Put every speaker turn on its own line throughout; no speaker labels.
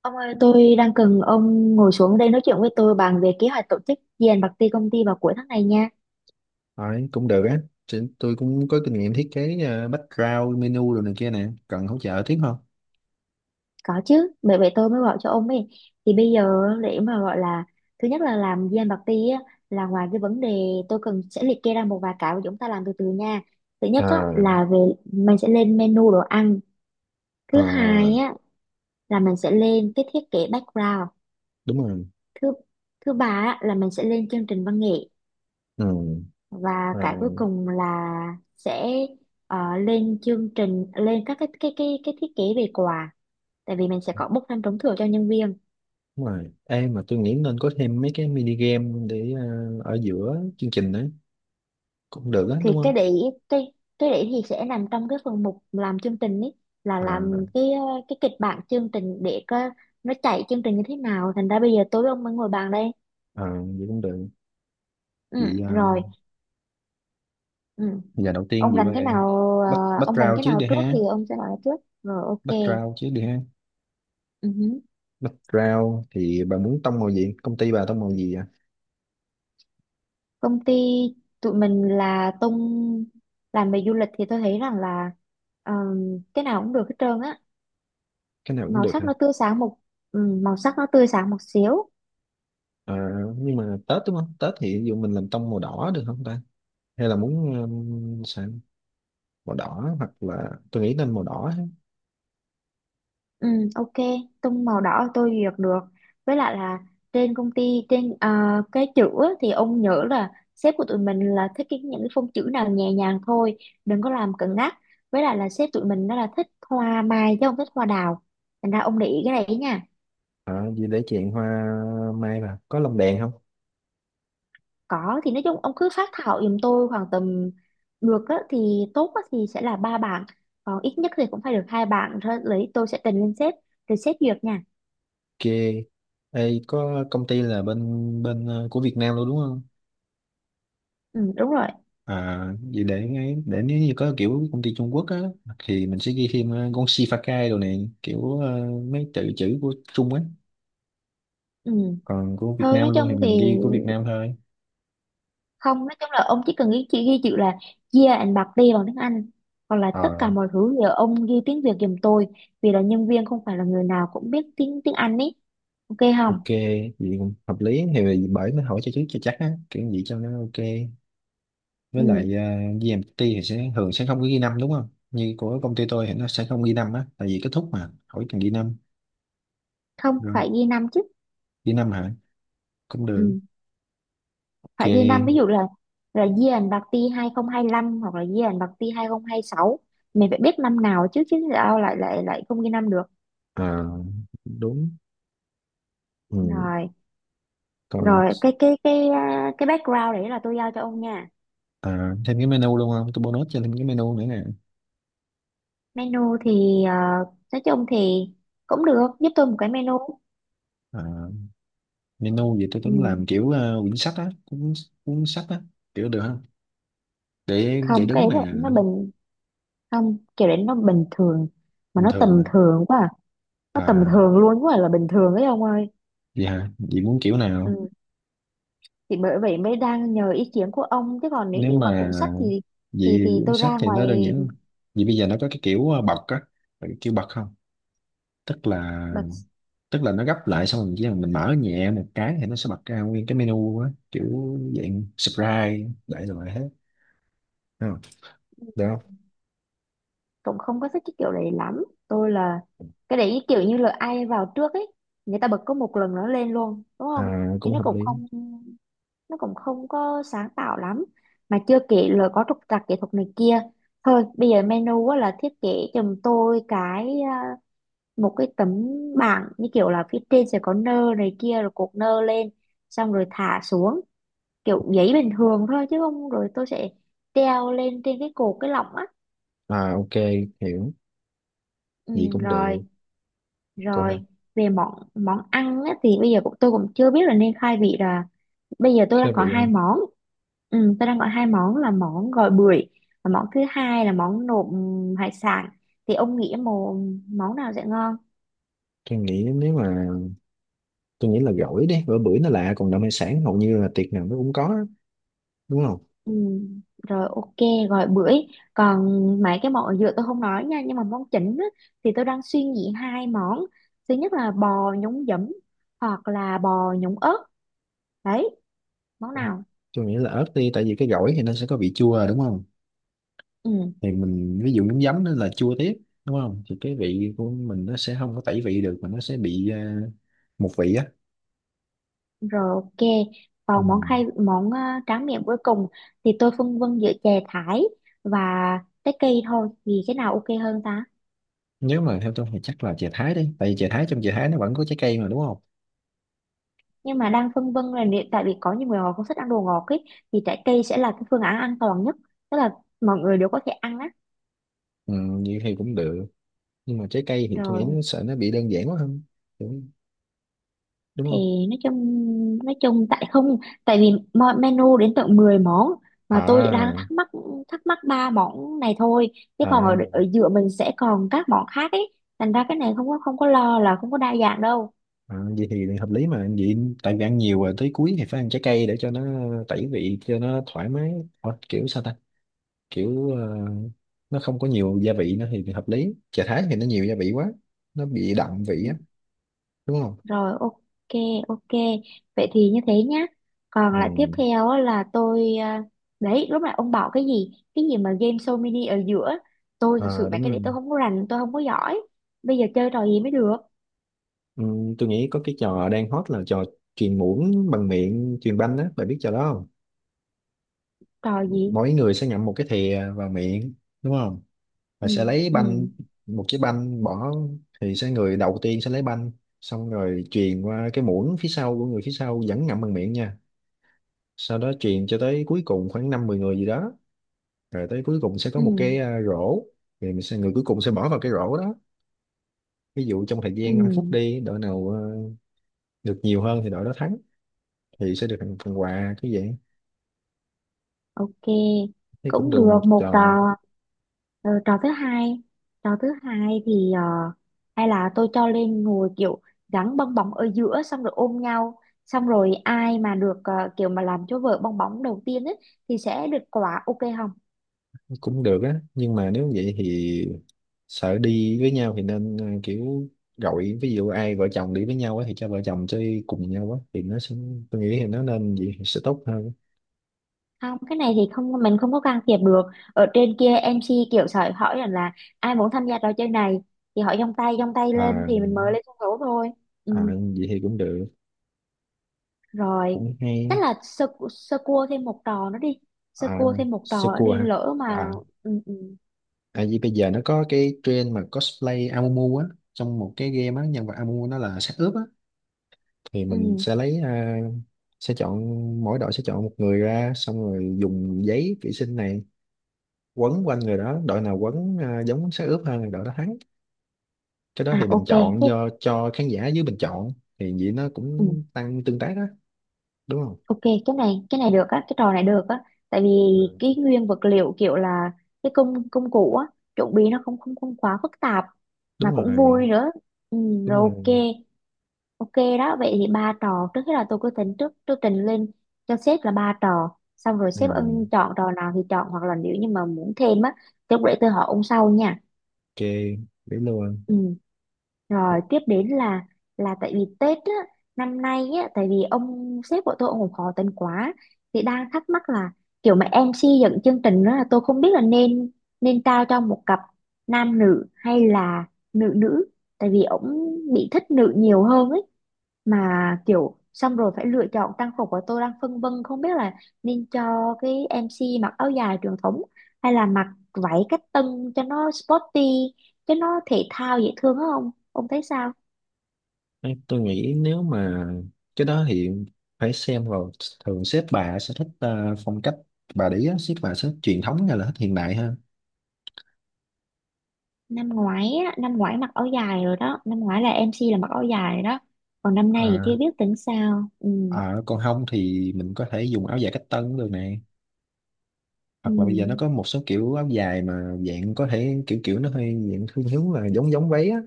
Ông ơi, tôi đang cần ông ngồi xuống đây nói chuyện với tôi bàn về kế hoạch tổ chức dàn bạc ti công ty vào cuối tháng này nha.
Đấy, cũng được á. Tôi cũng có kinh nghiệm thiết kế background, menu rồi này kia nè. Cần hỗ trợ tiếp không?
Có chứ, bởi vậy tôi mới gọi cho ông ấy. Thì bây giờ để mà gọi là thứ nhất là làm dàn bạc ti á là ngoài cái vấn đề tôi cần sẽ liệt kê ra một vài cái mà chúng ta làm từ từ nha. Thứ nhất á
À,
là về mình sẽ lên menu đồ ăn. Thứ hai
à,
á là mình sẽ lên cái thiết kế background.
đúng rồi.
Thứ thứ ba á, là mình sẽ lên chương trình văn nghệ.
Ừ,
Và cái cuối
rồi,
cùng là sẽ lên chương trình lên các cái thiết kế về quà, tại vì mình sẽ có bốc thăm trúng thưởng cho nhân viên.
đúng rồi. Ê, mà tôi nghĩ nên có thêm mấy cái mini game để ở giữa chương trình đấy. Cũng được á,
Thì
đúng không?
cái cái đấy thì sẽ nằm trong cái phần mục làm chương trình ấy, là
À,
làm cái kịch bản chương trình để có nó chạy chương trình như thế nào, thành ra bây giờ tối ông mới ngồi bàn đây.
à, vậy cũng được.
Ừ,
Vậy
rồi. Ừ.
giờ đầu tiên
Ông
vậy
rành
bà
cái nào ờ, ông rành
background
cái
trước
nào
đi
trước
ha.
thì ông sẽ nói trước rồi, ok.
Background trước đi ha.
Ừ.
Background thì bà muốn tông màu gì? Công ty bà tông màu gì à?
Công ty tụi mình là tung làm về du lịch, thì tôi thấy rằng là ờm, cái nào cũng được hết trơn á,
Cái nào cũng
màu
được.
sắc nó tươi sáng một màu sắc nó tươi sáng một xíu.
À, nhưng mà Tết đúng không? Tết thì ví dụ mình làm tông màu đỏ được không ta? Hay là muốn sao? Màu đỏ hoặc là tôi nghĩ nên màu đỏ ha.
Ừ, ok, tung màu đỏ tôi duyệt được. Với lại là trên công ty trên cái chữ á, thì ông nhớ là sếp của tụi mình là thích cái những cái phông chữ nào nhẹ nhàng thôi, đừng có làm cứng nhắc. Với lại là sếp tụi mình nó là thích hoa mai chứ không thích hoa đào, thành ra ông để ý cái này ấy nha.
À, vì để chèn hoa mai vào. Có lồng đèn không?
Có thì nói chung ông cứ phát thảo giùm tôi khoảng tầm, được á, thì tốt á, thì sẽ là ba bảng, còn ít nhất thì cũng phải được hai bảng thôi lấy, tôi sẽ trình lên sếp rồi sếp duyệt nha.
Ok. Ê, có công ty là bên bên của Việt Nam luôn đúng không?
Ừ, đúng rồi.
À, vì để nếu như có kiểu công ty Trung Quốc á thì mình sẽ ghi thêm con Shifakai đồ này kiểu mấy tự chữ của Trung á.
Ừ.
Còn của Việt
Thôi
Nam
nói
luôn thì
chung thì
mình ghi của Việt Nam thôi.
không, nói chung là ông chỉ cần ghi, chỉ ghi chữ là year and birthday bằng tiếng Anh, còn là tất cả
Ờ,
mọi thứ giờ ông ghi tiếng Việt giùm tôi, vì là nhân viên không phải là người nào cũng biết tiếng tiếng Anh ấy, ok không.
ok, vậy cũng hợp lý thì bởi mới hỏi cho trước cho chắc á, kiểu gì cho nó ok. Với lại
Ừ.
GMT thì sẽ thường sẽ không có ghi năm đúng không? Như của công ty tôi thì nó sẽ không ghi năm á, tại vì kết thúc mà hỏi cần ghi năm.
Không,
Rồi,
phải ghi năm chứ.
ghi năm hả? Cũng được.
Ừ. Phải ghi năm, ví
Ok.
dụ là year bạc ti 2025 hoặc là year bạc ti 2026, mình phải biết năm nào chứ, chứ sao lại lại lại không ghi năm được.
À, đúng. Ừ,
Rồi.
còn
Rồi cái cái background đấy là tôi giao cho ông nha.
thêm cái menu luôn không? Tôi bonus cho thêm cái menu nữa nè.
Menu thì nói chung thì cũng được, giúp tôi một cái menu.
À, menu vậy tôi tính
Ừ.
làm kiểu quyển sách á, cuốn cuốn sách á kiểu được không? Để
Không cái
đứng
đấy
nè.
là- nó bình, không kiểu đấy nó bình thường mà
Bình
nó
thường nè.
tầm thường quá à. Nó tầm
À.
thường luôn quá à, là bình thường ấy ông ơi.
Dạ, vậy hả? Chị muốn kiểu nào?
Ừ. Thì bởi vậy mới đang nhờ ý kiến của ông chứ, còn nếu
Nếu
như mà
mà
cuốn sách thì thì
vậy
thì tôi
sách
ra
thì nó đơn giản
ngoài
hơn. Vậy bây giờ nó có cái kiểu bật á, phải kiểu bật không? Tức là
mà,
tức là nó gấp lại xong rồi chỉ cần mình mở nhẹ một cái thì nó sẽ bật ra nguyên cái menu á, kiểu dạng surprise đại loại hết. Đúng không? Được không?
cũng không có thích cái kiểu đấy lắm tôi là. Cái đấy kiểu như là ai vào trước ấy, người ta bật có một lần nó lên luôn đúng không,
À,
nhưng
cũng
nó
hợp
cũng
lý.
không, nó cũng không có sáng tạo lắm, mà chưa kể là có trục trặc kỹ thuật này kia. Thôi bây giờ menu á là thiết kế giùm tôi một cái tấm bảng, như kiểu là phía trên sẽ có nơ này kia rồi cột nơ lên, xong rồi thả xuống, kiểu giấy bình thường thôi chứ không, rồi tôi sẽ treo lên trên cái cột cái lọng á.
À, ok, hiểu.
Ừ,
Gì cũng
rồi.
được. Còn hả?
Rồi về món món ăn á, thì bây giờ cũng tôi cũng chưa biết là nên khai vị là, bây giờ tôi
Thế
đang có
vậy hả?
hai món. Ừ, tôi đang có hai món là món gỏi bưởi và món thứ hai là món nộm hải sản, thì ông nghĩ một món nào sẽ ngon.
Tôi nghĩ nếu mà tôi nghĩ là gỏi đi, bữa bữa nó lạ còn đậu hải sản hầu như là tiệc nào nó cũng có á, đúng không?
Ừ, rồi ok, gọi bưởi. Còn mấy cái món ở dừa tôi không nói nha, nhưng mà món chính á, thì tôi đang suy nghĩ hai món, thứ nhất là bò nhúng giấm hoặc là bò nhúng ớt, đấy, món nào.
Tôi nghĩ là ớt đi, tại vì cái gỏi thì nó sẽ có vị chua, à, đúng không?
Ừ,
Thì mình ví dụ miếng giấm nó là chua tiếp đúng không? Thì cái vị của mình nó sẽ không có tẩy vị được mà nó sẽ bị một vị á.
rồi ok.
Ừ.
Còn món khai tráng miệng cuối cùng thì tôi phân vân giữa chè thái và trái cây thôi, thì cái nào ok hơn ta.
Nếu mà theo tôi thì chắc là chè thái đi, tại vì chè thái trong chè thái nó vẫn có trái cây mà, đúng không?
Nhưng mà đang phân vân là nếu- tại vì có nhiều người họ không thích ăn đồ ngọt ấy, thì trái cây sẽ là cái phương án an toàn nhất, tức là mọi người đều có thể ăn á.
Ừ, như thì cũng được nhưng mà trái cây thì tôi nghĩ
Rồi
nó sợ nó bị đơn giản quá không? Đúng, đúng
thì
không?
nói chung, nói chung tại không, tại vì menu đến tận 10 món, mà tôi
À,
đang thắc mắc, thắc mắc ba món này thôi, chứ
à,
còn ở giữa mình sẽ còn các món khác ấy, thành ra cái này không có, không có lo là không có đa dạng đâu.
à, vậy thì hợp lý mà vậy. Tại vì ăn nhiều rồi tới cuối thì phải ăn trái cây để cho nó tẩy vị cho nó thoải mái. Ủa, kiểu sao ta? Kiểu nó không có nhiều gia vị nữa thì hợp lý. Chả thái thì nó nhiều gia vị quá, nó bị đậm vị
Ừ,
á, đúng không?
rồi ok, ok, vậy thì như thế nhá. Còn
Ừ.
lại tiếp theo á là đấy lúc nãy ông bảo cái gì, cái gì mà game show mini ở giữa, tôi thật sự
Ờ,
mấy
đúng
cái
rồi.
đấy tôi không có rành, tôi không có giỏi, bây giờ chơi trò gì mới được.
Ừ, tôi nghĩ có cái trò đang hot là trò truyền muỗng bằng miệng truyền banh á, bạn biết trò đó không?
Trò gì.
Mỗi người sẽ ngậm một cái thìa vào miệng, đúng không? Và sẽ
Ừ.
lấy
Ừ.
banh, một cái banh bỏ thì sẽ người đầu tiên sẽ lấy banh, xong rồi truyền qua cái muỗng phía sau của người phía sau vẫn ngậm bằng miệng nha. Sau đó truyền cho tới cuối cùng khoảng năm mười người gì đó, rồi tới cuối cùng sẽ có
Ừ.
một cái rổ. Thì mình sẽ người cuối cùng sẽ bỏ vào cái rổ đó. Ví dụ trong thời
Ừ.
gian 5 phút đi, đội nào được nhiều hơn thì đội đó thắng, thì sẽ được phần phần quà cứ vậy.
Ok,
Thấy cũng
cũng
được
được
một
một
trò.
trò. Ờ, Trò thứ hai, trò thứ hai thì hay là tôi cho lên ngồi kiểu gắn bong bóng ở giữa xong rồi ôm nhau, xong rồi ai mà được kiểu mà làm cho vợ bong bóng đầu tiên ấy thì sẽ được quả, ok không.
Cũng được á, nhưng mà nếu vậy thì sợ đi với nhau thì nên kiểu gọi ví dụ ai vợ chồng đi với nhau á thì cho vợ chồng chơi cùng nhau á thì nó sẽ tôi nghĩ thì nó nên vậy thì sẽ tốt hơn.
Không cái này thì không, mình không có can thiệp được, ở trên kia MC kiểu sợi hỏi rằng là ai muốn tham gia trò chơi này thì họ giông tay lên
À,
thì mình mới lên sân khấu thôi.
à,
Ừ.
vậy thì cũng được,
Rồi.
cũng hay.
Chắc là sơ, sơ cua thêm một trò nữa đi, sơ
À,
cua thêm một
sơ
trò nữa
cua
đi
hả?
lỡ
À,
mà. Ừ, ừ.
tại vì bây giờ nó có cái trend mà cosplay Amumu á, trong một cái game á, nhân vật Amumu nó là xác ướp á, thì mình
Ừ.
sẽ lấy sẽ chọn, mỗi đội sẽ chọn một người ra xong rồi dùng giấy vệ sinh này quấn quanh người đó, đội nào quấn giống xác ướp hơn là đội đó thắng. Cái đó thì
À
bình
ok
chọn
cái.
do cho khán giả dưới bình chọn, thì vậy nó
Ừ,
cũng tăng tương tác á, đúng không?
ok, cái này, cái này được á, cái trò này được á, tại vì
Ừ.
cái nguyên vật liệu kiểu là cái công công cụ á, chuẩn bị nó không không không quá phức tạp, mà
Đúng rồi,
cũng vui nữa. Ừ,
đúng
rồi
rồi.
ok. Ok, đó, vậy thì ba trò, trước hết là tôi cứ tính trước, tôi trình lên cho sếp là ba trò, xong rồi
Ừ,
sếp ưng chọn trò nào thì chọn, hoặc là nếu như mà muốn thêm á, thì lúc để tôi hỏi ông sau nha.
ok, để luôn.
Ừ. Rồi tiếp đến là tại vì Tết á, năm nay á, tại vì ông sếp của tôi ông cũng khó tính quá, thì đang thắc mắc là kiểu mà MC dẫn chương trình đó là tôi không biết là nên, nên trao cho một cặp nam nữ hay là nữ nữ, tại vì ông bị thích nữ nhiều hơn ấy, mà kiểu xong rồi phải lựa chọn trang phục, của tôi đang phân vân không biết là nên cho cái MC mặc áo dài truyền thống hay là mặc váy cách tân cho nó sporty, cái nó thể thao dễ thương á, ông thấy sao.
Đấy, tôi nghĩ nếu mà cái đó thì phải xem vào, thường sếp bà sẽ thích phong cách bà đấy á, sếp bà sẽ thích truyền thống hay là thích hiện đại ha?
Năm ngoái á, năm ngoái mặc áo dài rồi đó, năm ngoái là MC là mặc áo dài rồi đó, còn năm nay thì chưa
À,
biết tính sao. Ừ.
à, còn không thì mình có thể dùng áo dài cách tân cũng được này,
Ừ.
hoặc là bây giờ nó có một số kiểu áo dài mà dạng có thể kiểu kiểu nó hơi dạng thiên hướng là giống giống váy á.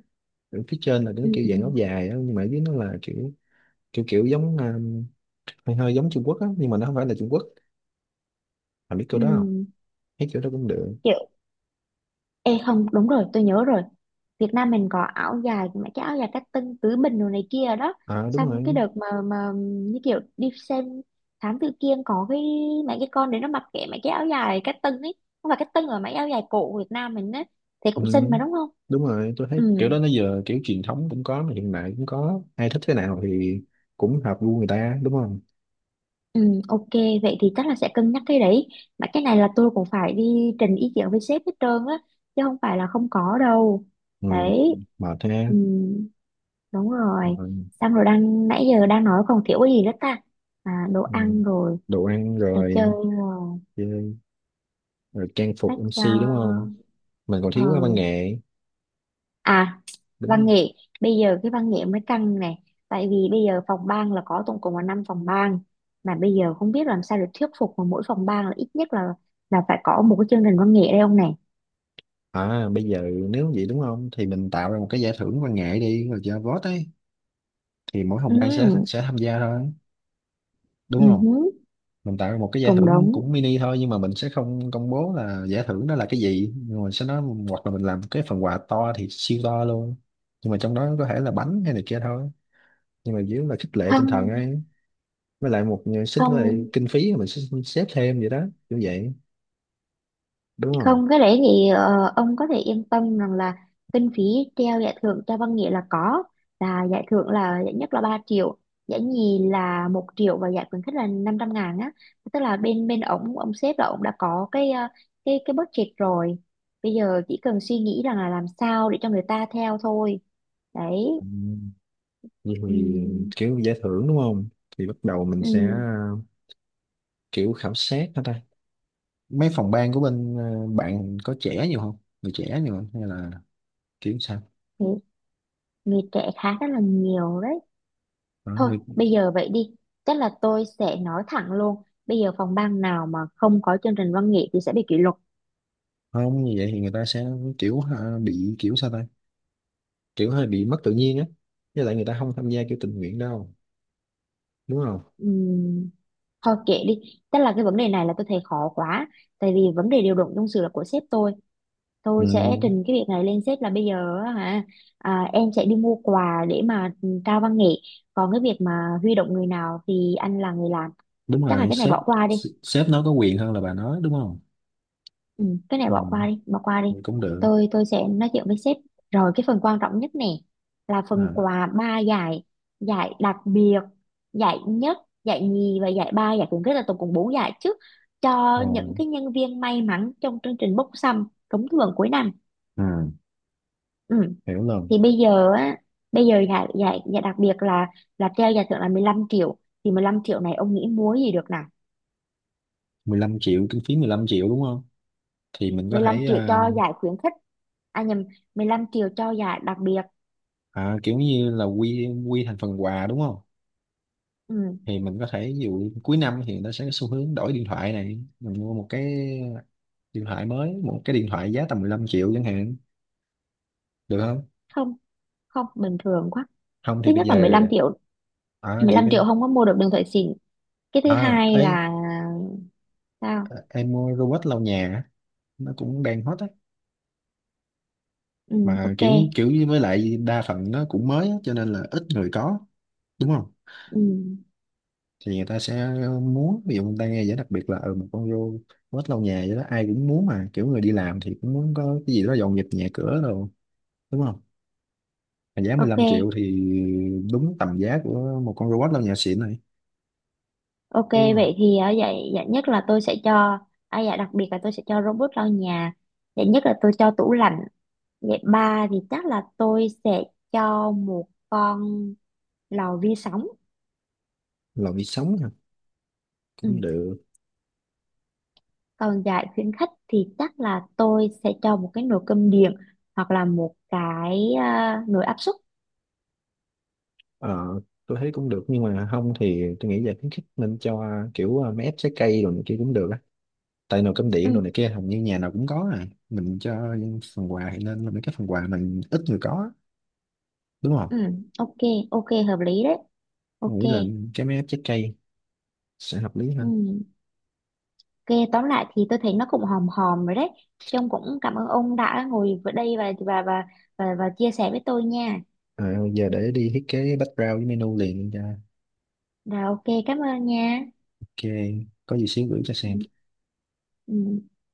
Ở phía trên là cái
Ừ.
kiểu dạng áo dài á nhưng mà ở dưới nó là kiểu kiểu kiểu giống hơi hơi giống Trung Quốc á, nhưng mà nó không phải là Trung Quốc. Bà biết kiểu
Ừ.
đó không? Thấy kiểu đó cũng được.
Kiểu. Ê không, đúng rồi, tôi nhớ rồi. Việt Nam mình có áo dài mà cái áo dài cách tân tứ bình đồ này kia đó.
À, đúng
Xong cái
rồi.
đợt mà như kiểu đi xem Thám Tử Kiên có cái mấy cái con đấy nó mặc kệ mấy cái áo dài cách tân ấy. Không phải cách tân mà mấy áo dài cổ Việt Nam mình ấy. Thì
Ừ,
cũng xinh mà đúng không?
đúng rồi, tôi thấy
Ừ,
kiểu đó nó giờ kiểu truyền thống cũng có mà hiện đại cũng có, ai thích thế nào thì cũng hợp gu người ta, đúng không?
ừ, ok, vậy thì chắc là sẽ cân nhắc cái đấy. Mà cái này là tôi cũng phải đi trình ý kiến với sếp hết trơn á, chứ không phải là không có đâu.
Ừ,
Đấy.
mệt ha.
Ừ. Đúng rồi.
Rồi.
Xong rồi đang nãy giờ đang nói còn thiếu cái gì nữa ta? À, đồ
Ừ,
ăn rồi,
đồ ăn
trò chơi
rồi,
rồi,
chơi rồi, trang phục
sách
MC đúng không? Mình còn
ờ.
thiếu cái văn nghệ.
À. Văn
Đúng.
nghệ. Bây giờ cái văn nghệ mới căng này, tại vì bây giờ phòng ban là có tổng cộng là 5 phòng ban, mà bây giờ không biết làm sao để thuyết phục mà mỗi phòng ban là ít nhất là phải có một cái chương trình văn nghệ đây ông này.
À, bây giờ nếu vậy đúng không thì mình tạo ra một cái giải thưởng văn nghệ đi rồi cho vote ấy, thì mỗi phòng ban sẽ
Ừ,
sẽ tham gia thôi,
ừ,
đúng không?
hứ,
Mình tạo ra một cái giải
cũng
thưởng
đúng.
cũng mini thôi, nhưng mà mình sẽ không công bố là giải thưởng đó là cái gì, nhưng mình sẽ nói. Hoặc là mình làm cái phần quà to thì siêu to luôn, nhưng mà trong đó có thể là bánh hay này kia thôi, nhưng mà chủ yếu là khích lệ tinh thần
Không,
ấy. Với lại một xích lại
không.
kinh phí mình sẽ xếp thêm vậy đó, như vậy đúng không?
Không, cái đấy thì ông có thể yên tâm rằng là kinh phí treo giải thưởng cho văn nghệ là có, là giải thưởng là giải nhất là 3 triệu, giải nhì là 1 triệu và giải khuyến khích là 500 ngàn á, tức là bên bên ổng, ông sếp là ổng đã có cái budget rồi, bây giờ chỉ cần suy nghĩ rằng là làm sao để cho người ta theo thôi, đấy.
Ừ. Vậy
Ừ,
thì kiểu giải thưởng đúng không? Thì bắt đầu mình
ừ.
sẽ kiểu khảo sát hả ta, mấy phòng ban của bên bạn có trẻ nhiều không? Người trẻ nhiều không hay là kiểu sao?
Thì người trẻ khá rất là nhiều đấy.
Đó,
Thôi, bây giờ vậy đi. Chắc là tôi sẽ nói thẳng luôn. Bây giờ phòng ban nào mà không có chương trình văn nghệ thì sẽ bị kỷ luật.
không như vậy thì người ta sẽ kiểu bị kiểu sao ta, kiểu hơi bị mất tự nhiên á, với lại người ta không tham gia kiểu tình nguyện đâu, đúng không?
Ừm, thôi kệ đi. Tức là cái vấn đề này là tôi thấy khó quá. Tại vì vấn đề điều động nhân sự là của sếp tôi.
Ừ,
Tôi sẽ trình cái việc này lên sếp là bây giờ á hả, em sẽ đi mua quà để mà trao văn nghệ. Còn cái việc mà huy động người nào thì anh là người làm.
đúng
Chắc là
rồi
cái này
sếp.
bỏ qua đi.
Sếp nó có quyền hơn là bà nói đúng không?
Ừ, cái này
Ừ,
bỏ qua đi, bỏ qua đi.
vậy cũng được.
Tôi sẽ nói chuyện với sếp. Rồi cái phần quan trọng nhất nè là phần
À,
quà ba giải, giải đặc biệt, giải nhất, giải nhì và giải ba, giải khuyến khích là tổng cộng bốn giải chứ, cho những
rồi.
cái nhân viên may mắn trong chương trình bốc thăm trúng thưởng cuối năm.
Ừ,
Ừ.
hiểu rồi.
Thì bây giờ á, bây giờ giải giải giải đặc biệt là treo giải thưởng là 15 triệu. Thì 15 triệu này ông nghĩ múa gì được nào?
15 triệu, kinh phí 15 triệu đúng không? Thì mình có
Mười lăm
thể
triệu cho giải khuyến khích. À nhầm, 15 triệu cho giải đặc biệt.
kiểu như là quy quy thành phần quà đúng không?
Ừ.
Thì mình có thể ví dụ cuối năm thì người ta sẽ có xu hướng đổi điện thoại này, mình mua một cái điện thoại mới, một cái điện thoại giá tầm 15 triệu chẳng hạn, được không?
Không, không, bình thường quá.
Không
Thứ
thì bây
nhất là
giờ
15 triệu,
à
mười
gì
lăm
bên
triệu không có mua được đường thủy xịn. Cái thứ
à
hai
ấy,
là sao.
em mua robot lau nhà á, nó cũng đang hot á,
Ừ,
mà
ok.
kiểu kiểu như với lại đa phần nó cũng mới á, cho nên là ít người có, đúng không?
Ừ,
Thì người ta sẽ muốn ví dụ người ta nghe giải đặc biệt là một con robot lau nhà vậy đó, ai cũng muốn, mà kiểu người đi làm thì cũng muốn có cái gì đó dọn dẹp nhà cửa rồi, đúng không? Mà giá 15 triệu
ok,
thì đúng tầm giá của một con robot lau nhà xịn này,
ok,
đúng không?
vậy thì ở vậy dạ nhất là tôi sẽ cho, à dạ đặc biệt là tôi sẽ cho robot lau nhà, dạ nhất là tôi cho tủ lạnh, dạ ba thì chắc là tôi sẽ cho một con lò vi sóng.
Lò vi sóng hả?
Ừ.
Cũng được.
Còn giải khuyến khích thì chắc là tôi sẽ cho một cái nồi cơm điện hoặc là nồi áp suất.
Ờ, tôi thấy cũng được nhưng mà không thì tôi nghĩ là khuyến khích nên cho kiểu máy ép trái cây rồi này kia cũng được á, tại nồi cơm
Ừ.
điện rồi này kia hầu như nhà nào cũng có, à mình cho phần quà thì nên là mấy cái phần quà mình ít người có á, đúng không?
Ừ, ok, ok, hợp lý đấy.
Tôi
Ok,
nghĩ là cái máy ép trái cây sẽ hợp lý
ừ.
hơn.
Ok, tóm lại thì tôi thấy nó cũng hòm hòm rồi đấy. Trông cũng cảm ơn ông đã ngồi ở đây và chia sẻ với tôi nha.
Ờ, giờ để đi thiết kế background với menu liền ra.
Rồi ok, cảm ơn nha.
Ok, có gì xíu gửi cho
Ừ.
xem.
Ừ.